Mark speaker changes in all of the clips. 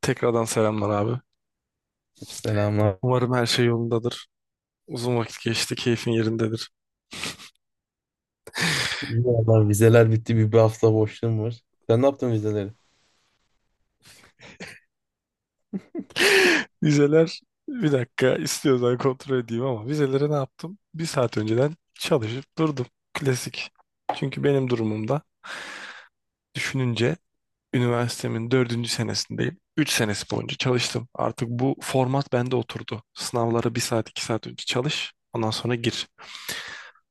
Speaker 1: Tekrardan selamlar abi.
Speaker 2: Selamlar.
Speaker 1: Umarım her şey yolundadır. Uzun vakit geçti, keyfin yerindedir.
Speaker 2: İyi vallahi vizeler bitti bir hafta boşluğum var. Sen ne yaptın vizeleri?
Speaker 1: Vizeler, bir dakika istiyorsan kontrol edeyim ama vizeleri ne yaptım? Bir saat önceden çalışıp durdum. Klasik. Çünkü benim durumumda düşününce üniversitemin dördüncü senesindeyim. Üç senesi boyunca çalıştım. Artık bu format bende oturdu. Sınavlara bir saat, iki saat önce çalış. Ondan sonra gir.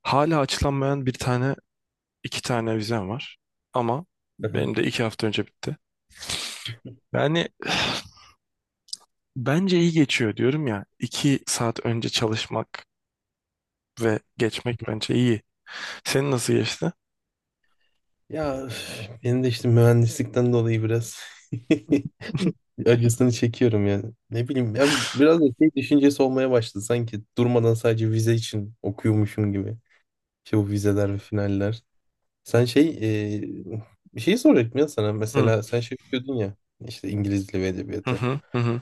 Speaker 1: Hala açılanmayan bir tane, iki tane vizem var. Ama
Speaker 2: Hı.
Speaker 1: benim de iki hafta önce bitti. Yani bence iyi geçiyor diyorum ya. İki saat önce çalışmak ve geçmek bence iyi. Senin nasıl geçti?
Speaker 2: Ya üf, benim de işte mühendislikten dolayı biraz acısını çekiyorum yani. Ne bileyim ya biraz da şey düşüncesi olmaya başladı sanki durmadan sadece vize için okuyormuşum gibi. İşte bu vizeler ve finaller. Sen şey e, bir şey soracaktım ya sana
Speaker 1: Hı
Speaker 2: mesela sen şey okuyordun ya işte İngiliz Dili ve
Speaker 1: hı
Speaker 2: Edebiyatı.
Speaker 1: hı hı.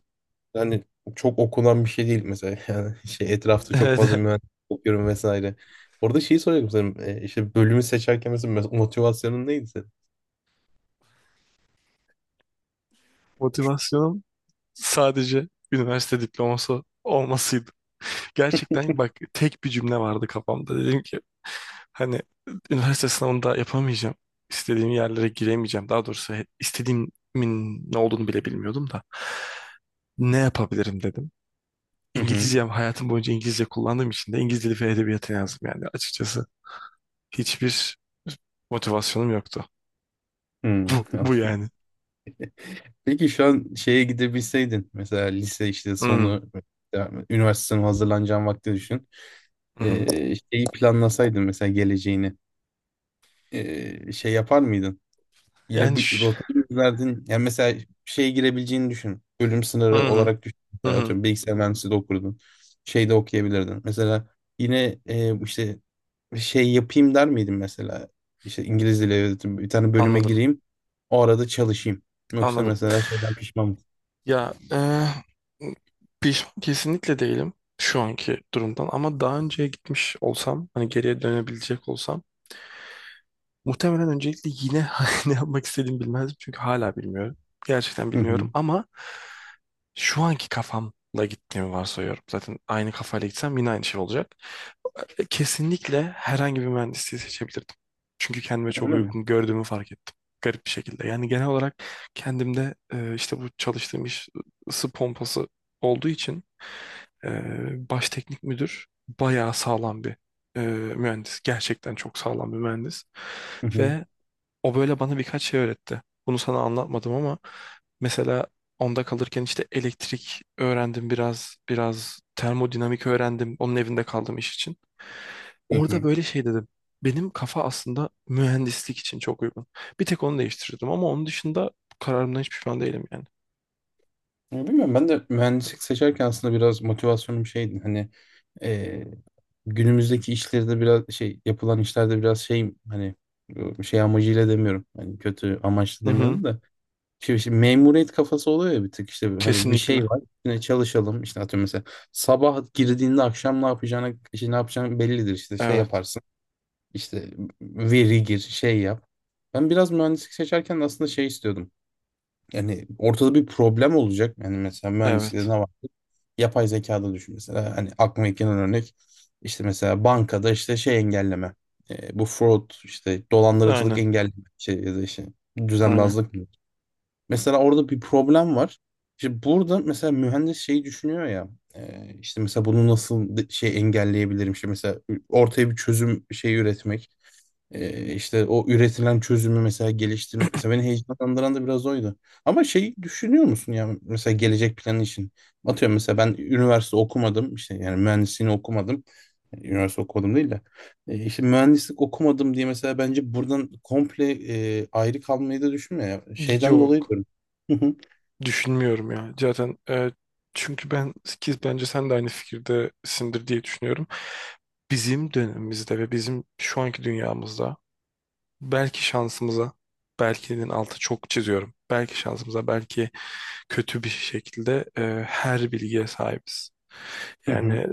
Speaker 2: Yani çok okunan bir şey değil mesela yani şey etrafta çok
Speaker 1: Evet.
Speaker 2: fazla mühendis okuyorum vesaire. Orada şeyi soruyorum senin işte bölümü seçerken mesela motivasyonun neydi senin?
Speaker 1: Motivasyonum sadece üniversite diploması olmasıydı. Gerçekten bak tek bir cümle vardı kafamda. Dedim ki hani üniversite sınavında yapamayacağım. İstediğim yerlere giremeyeceğim. Daha doğrusu istediğimin ne olduğunu bile bilmiyordum da. Ne yapabilirim dedim.
Speaker 2: Hı hı.
Speaker 1: İngilizce hayatım boyunca İngilizce kullandığım için de İngiliz dili ve edebiyatı yazdım yani açıkçası. Hiçbir motivasyonum yoktu.
Speaker 2: Hı.
Speaker 1: Bu
Speaker 2: Anladım.
Speaker 1: yani.
Speaker 2: Peki şu an şeye gidebilseydin mesela lise işte
Speaker 1: Hı hı.
Speaker 2: sonu yani üniversite sınavına hazırlanacağın vakti düşün.
Speaker 1: Hı hı.
Speaker 2: Şeyi planlasaydın mesela geleceğini şey yapar mıydın? Yine
Speaker 1: Yani
Speaker 2: bu
Speaker 1: ş-
Speaker 2: rotayı rotalardan yani mesela şeye girebileceğini düşün. Bölüm
Speaker 1: hı
Speaker 2: sınırı
Speaker 1: hı.
Speaker 2: olarak düşün.
Speaker 1: Hı
Speaker 2: Mesela
Speaker 1: hı.
Speaker 2: atıyorum bilgisayar mühendisliği de okurdun. Şey de okuyabilirdin. Mesela yine işte şey yapayım der miydin mesela? İşte İngiliz dili evet, bir tane bölüme
Speaker 1: Anladım.
Speaker 2: gireyim. O arada çalışayım. Yoksa
Speaker 1: Anladım.
Speaker 2: mesela şeyden pişman mısın?
Speaker 1: Ya pişman kesinlikle değilim şu anki durumdan ama daha önceye gitmiş olsam hani geriye dönebilecek olsam muhtemelen öncelikle yine ne yapmak istediğimi bilmezdim çünkü hala bilmiyorum. Gerçekten
Speaker 2: Hı
Speaker 1: bilmiyorum
Speaker 2: hı.
Speaker 1: ama şu anki kafamla gittiğimi varsayıyorum. Zaten aynı kafayla gitsem yine aynı şey olacak. Kesinlikle herhangi bir mühendisliği seçebilirdim. Çünkü kendime çok
Speaker 2: Öyle mi?
Speaker 1: uygun gördüğümü fark ettim. Garip bir şekilde. Yani genel olarak kendimde işte bu çalıştığım iş ısı pompası olduğu için baş teknik müdür bayağı sağlam bir e, mühendis. Gerçekten çok sağlam bir mühendis.
Speaker 2: Hı hı.
Speaker 1: Ve o böyle bana birkaç şey öğretti. Bunu sana anlatmadım ama mesela onda kalırken işte elektrik öğrendim biraz, termodinamik öğrendim. Onun evinde kaldım iş için.
Speaker 2: Hı
Speaker 1: Orada
Speaker 2: hı.
Speaker 1: böyle şey dedim. Benim kafa aslında mühendislik için çok uygun. Bir tek onu değiştirdim ama onun dışında kararımdan hiç pişman değilim yani.
Speaker 2: Ya bilmiyorum ben de mühendislik seçerken aslında biraz motivasyonum şeydi hani e, günümüzdeki işlerde biraz şey yapılan işlerde biraz şeyim hani şey amacıyla demiyorum hani kötü amaçlı
Speaker 1: Hı hı,
Speaker 2: demiyorum da şimdi memuriyet kafası oluyor ya bir tık işte hani bir şey
Speaker 1: kesinlikle.
Speaker 2: var yine çalışalım işte atıyorum mesela sabah girdiğinde akşam ne yapacağına işte ne yapacağın bellidir işte şey
Speaker 1: Evet,
Speaker 2: yaparsın işte veri gir şey yap ben biraz mühendislik seçerken aslında şey istiyordum yani ortada bir problem olacak. Yani mesela mühendislikte ne
Speaker 1: evet.
Speaker 2: var? Yapay zekada düşün mesela. Hani aklıma ilk gelen örnek işte mesela bankada işte şey engelleme. Bu fraud işte dolandırıcılık
Speaker 1: Aynen,
Speaker 2: engelleme şey ya da işte
Speaker 1: aynen.
Speaker 2: düzenbazlık mı? Mesela orada bir problem var. İşte burada mesela mühendis şeyi düşünüyor ya işte mesela bunu nasıl şey engelleyebilirim işte mesela ortaya bir çözüm şeyi üretmek. İşte o üretilen çözümü mesela geliştirmek. Mesela beni heyecanlandıran da biraz oydu. Ama şey düşünüyor musun ya mesela gelecek planı için? Atıyorum mesela ben üniversite okumadım. İşte yani mühendisliğini okumadım. Yani üniversite okumadım değil de. İşte mühendislik okumadım diye mesela bence buradan komple ayrı kalmayı da düşünmüyor ya. Şeyden dolayı
Speaker 1: Yok.
Speaker 2: diyorum. Hı hı.
Speaker 1: Düşünmüyorum ya. Zaten çünkü ben ki bence sen de aynı fikirdesindir diye düşünüyorum. Bizim dönemimizde ve bizim şu anki dünyamızda belki şansımıza belkinin altı çok çiziyorum. Belki şansımıza belki kötü bir şekilde her bilgiye sahibiz.
Speaker 2: Hı hı.
Speaker 1: Yani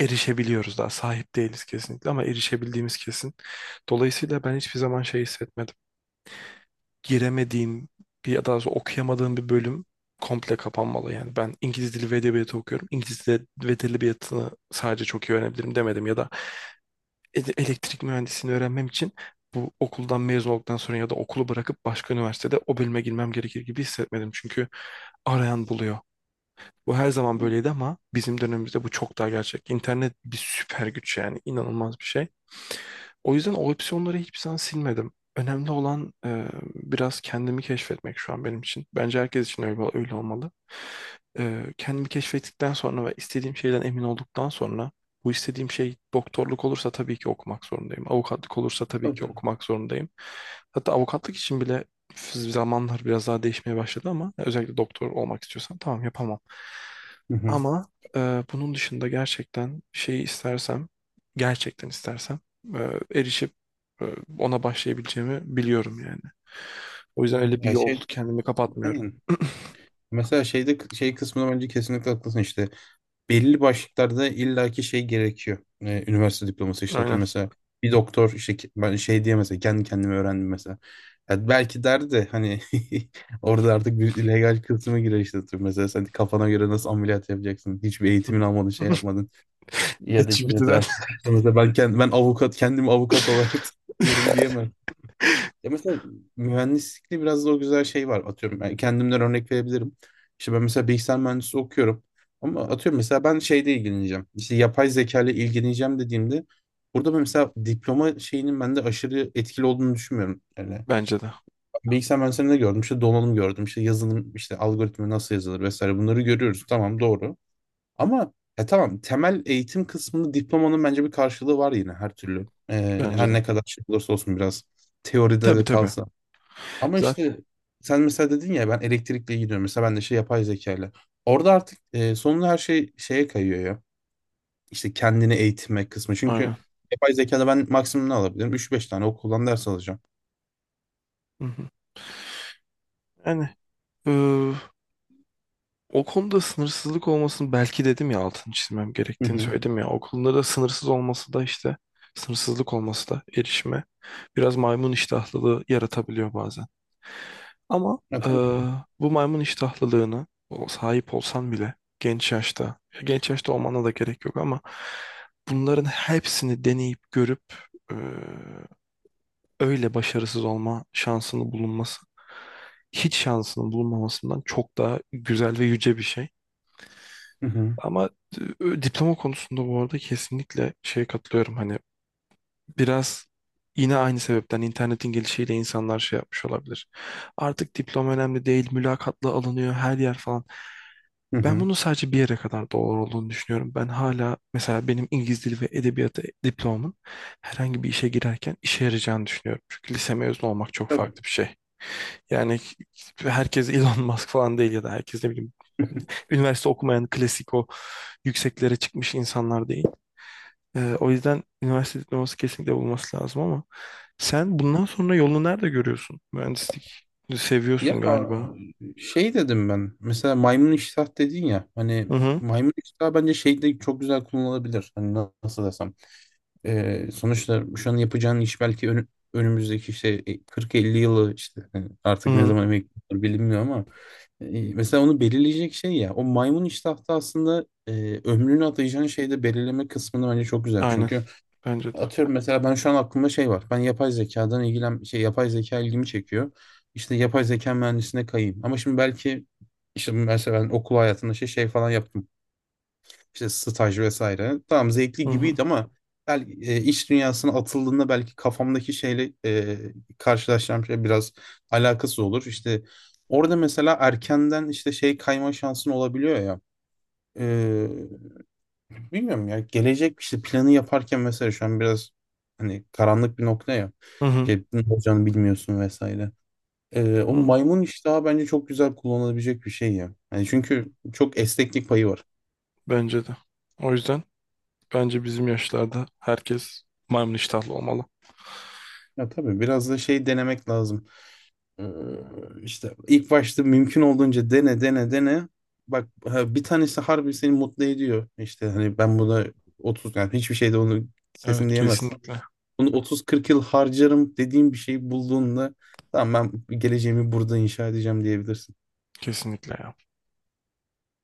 Speaker 1: erişebiliyoruz daha sahip değiliz kesinlikle ama erişebildiğimiz kesin. Dolayısıyla ben hiçbir zaman şey hissetmedim giremediğim bir ya da okuyamadığım bir bölüm komple kapanmalı. Yani ben İngiliz dili ve edebiyatı okuyorum. İngiliz dili ve edebiyatını sadece çok iyi öğrenebilirim demedim ya da elektrik mühendisliğini öğrenmem için bu okuldan mezun olduktan sonra ya da okulu bırakıp başka üniversitede o bölüme girmem gerekir gibi hissetmedim. Çünkü arayan buluyor. Bu her zaman böyleydi ama bizim dönemimizde bu çok daha gerçek. İnternet bir süper güç yani inanılmaz bir şey. O yüzden o opsiyonları hiçbirisinden silmedim. Önemli olan biraz kendimi keşfetmek şu an benim için. Bence herkes için öyle, öyle olmalı. Kendimi keşfettikten sonra ve istediğim şeyden emin olduktan sonra bu istediğim şey doktorluk olursa tabii ki okumak zorundayım. Avukatlık olursa tabii
Speaker 2: Tabii
Speaker 1: ki
Speaker 2: tabii.
Speaker 1: okumak zorundayım. Hatta avukatlık için bile zamanlar biraz daha değişmeye başladı ama özellikle doktor olmak istiyorsan tamam yapamam.
Speaker 2: Hı hı.
Speaker 1: Ama bunun dışında gerçekten şeyi istersem, gerçekten istersem erişip e, ona başlayabileceğimi biliyorum yani. O yüzden öyle bir
Speaker 2: Ya
Speaker 1: yol
Speaker 2: şey,
Speaker 1: kendimi kapatmıyorum.
Speaker 2: aynen. Mesela şeyde şey kısmına bence kesinlikle haklısın işte. Belli başlıklarda illaki şey gerekiyor. Üniversite diploması işte atıyorum
Speaker 1: Aynen.
Speaker 2: mesela bir doktor işte ben şey diye mesela kendi kendime öğrendim mesela. Ya belki derdi de hani orada artık bir illegal kısmı girer işte atıyorum. Mesela sen kafana göre nasıl ameliyat yapacaksın? Hiçbir eğitimin almadın şey yapmadın. Ya da işte
Speaker 1: ChatGPT'den.
Speaker 2: mesela, hukukta mesela ben, kendim, ben avukat kendimi avukat olarak tanıyorum diyemez. Ya mesela mühendislikte biraz da o güzel şey var. Atıyorum ben kendimden örnek verebilirim. İşte ben mesela bilgisayar mühendisliği okuyorum. Ama atıyorum mesela ben şeyle ilgileneceğim. İşte yapay zeka ile ilgileneceğim dediğimde burada ben mesela diploma şeyinin bende aşırı etkili olduğunu düşünmüyorum. Yani
Speaker 1: Bence de.
Speaker 2: bilgisayar mühendisliğinde gördüm. İşte donanım gördüm. İşte yazılım, işte algoritma nasıl yazılır vesaire bunları görüyoruz. Tamam doğru. Ama tamam temel eğitim kısmında diplomanın bence bir karşılığı var yine her türlü.
Speaker 1: Bence
Speaker 2: Her
Speaker 1: de.
Speaker 2: ne kadar şey olursa olsun biraz teoride
Speaker 1: Tabii
Speaker 2: de
Speaker 1: tabii.
Speaker 2: kalsa. Ama
Speaker 1: Zaten
Speaker 2: işte sen mesela dedin ya ben elektrikle gidiyorum. Mesela ben de şey yapay zekayla. Orada artık sonunda her şey şeye kayıyor ya. İşte kendini eğitme kısmı. Çünkü
Speaker 1: aynen.
Speaker 2: yapay zekada ben maksimum ne alabilirim? Üç beş tane okuldan ders alacağım.
Speaker 1: Hı hı. Yani e, o konuda sınırsızlık olmasını belki dedim ya altını çizmem
Speaker 2: Hı
Speaker 1: gerektiğini
Speaker 2: hı.
Speaker 1: söyledim ya. O konuda da sınırsız olması da işte sınırsızlık olması da erişime biraz maymun iştahlılığı yaratabiliyor bazen. Ama
Speaker 2: Ya,
Speaker 1: eee,
Speaker 2: tabii ki.
Speaker 1: bu maymun iştahlılığını o sahip olsan bile genç yaşta, genç yaşta olmana da gerek yok ama bunların hepsini deneyip görüp eee, öyle başarısız olma şansını bulunması hiç şansının bulunmamasından çok daha güzel ve yüce bir şey.
Speaker 2: Hı hı.
Speaker 1: Ama diploma konusunda bu arada kesinlikle şeye katılıyorum. Hani biraz yine aynı sebepten internetin gelişiyle insanlar şey yapmış olabilir. Artık diploma önemli değil, mülakatla alınıyor her yer falan.
Speaker 2: Hı
Speaker 1: Ben
Speaker 2: hı.
Speaker 1: bunun sadece bir yere kadar doğru olduğunu düşünüyorum. Ben hala mesela benim İngiliz dili ve edebiyatı diplomamın herhangi bir işe girerken işe yarayacağını düşünüyorum. Çünkü lise mezunu olmak çok
Speaker 2: Tabii.
Speaker 1: farklı bir şey. Yani herkes Elon Musk falan değil ya da herkes ne bileyim üniversite okumayan klasik o yükseklere çıkmış insanlar değil. O yüzden üniversite diploması kesinlikle bulması lazım ama sen bundan sonra yolunu nerede görüyorsun? Mühendislik
Speaker 2: Ya
Speaker 1: seviyorsun galiba.
Speaker 2: şey dedim ben. Mesela maymun iştah dedin ya. Hani
Speaker 1: Hı hı.
Speaker 2: maymun iştah bence şeyde çok güzel kullanılabilir. Hani nasıl desem. Sonuçta şu an yapacağın iş belki önümüzdeki işte 40-50 yılı işte
Speaker 1: Hı
Speaker 2: artık ne
Speaker 1: hı.
Speaker 2: zaman emekli olur bilinmiyor ama mesela onu belirleyecek şey ya o maymun iştahta aslında ömrünü atayacağın şeyde belirleme kısmını bence çok güzel.
Speaker 1: Aynen.
Speaker 2: Çünkü
Speaker 1: Bence de.
Speaker 2: atıyorum mesela ben şu an aklımda şey var. Ben yapay zekadan şey yapay zeka ilgimi çekiyor. İşte yapay zeka mühendisine kayayım. Ama şimdi belki işte mesela ben okul hayatında şey falan yaptım işte staj vesaire. Tamam
Speaker 1: Hı
Speaker 2: zevkli
Speaker 1: hı.
Speaker 2: gibiydi ama iş dünyasına atıldığında belki kafamdaki şeyle karşılaşacağım şey biraz alakasız olur. İşte orada mesela erkenden işte şey kayma şansın olabiliyor ya. E, Bilmiyorum ya gelecek işte planı yaparken mesela şu an biraz hani karanlık bir nokta ya.
Speaker 1: Hı hı.
Speaker 2: Şey, ne olacağını bilmiyorsun vesaire. O
Speaker 1: Hı.
Speaker 2: maymun iştahı bence çok güzel kullanılabilecek bir şey ya. Yani çünkü çok esneklik payı var.
Speaker 1: Bence de. O yüzden bence bizim yaşlarda herkes maymun iştahlı olmalı.
Speaker 2: Ya tabii biraz da şey denemek lazım. Ee, işte ilk başta mümkün olduğunca dene dene dene. Bak ha, bir tanesi harbi seni mutlu ediyor. İşte hani ben buna 30 yani hiçbir şeyde onu kesin
Speaker 1: Evet
Speaker 2: diyemezsin.
Speaker 1: kesinlikle.
Speaker 2: Bunu 30-40 yıl harcarım dediğim bir şeyi bulduğunda tamam ben geleceğimi burada inşa edeceğim diyebilirsin.
Speaker 1: Kesinlikle ya.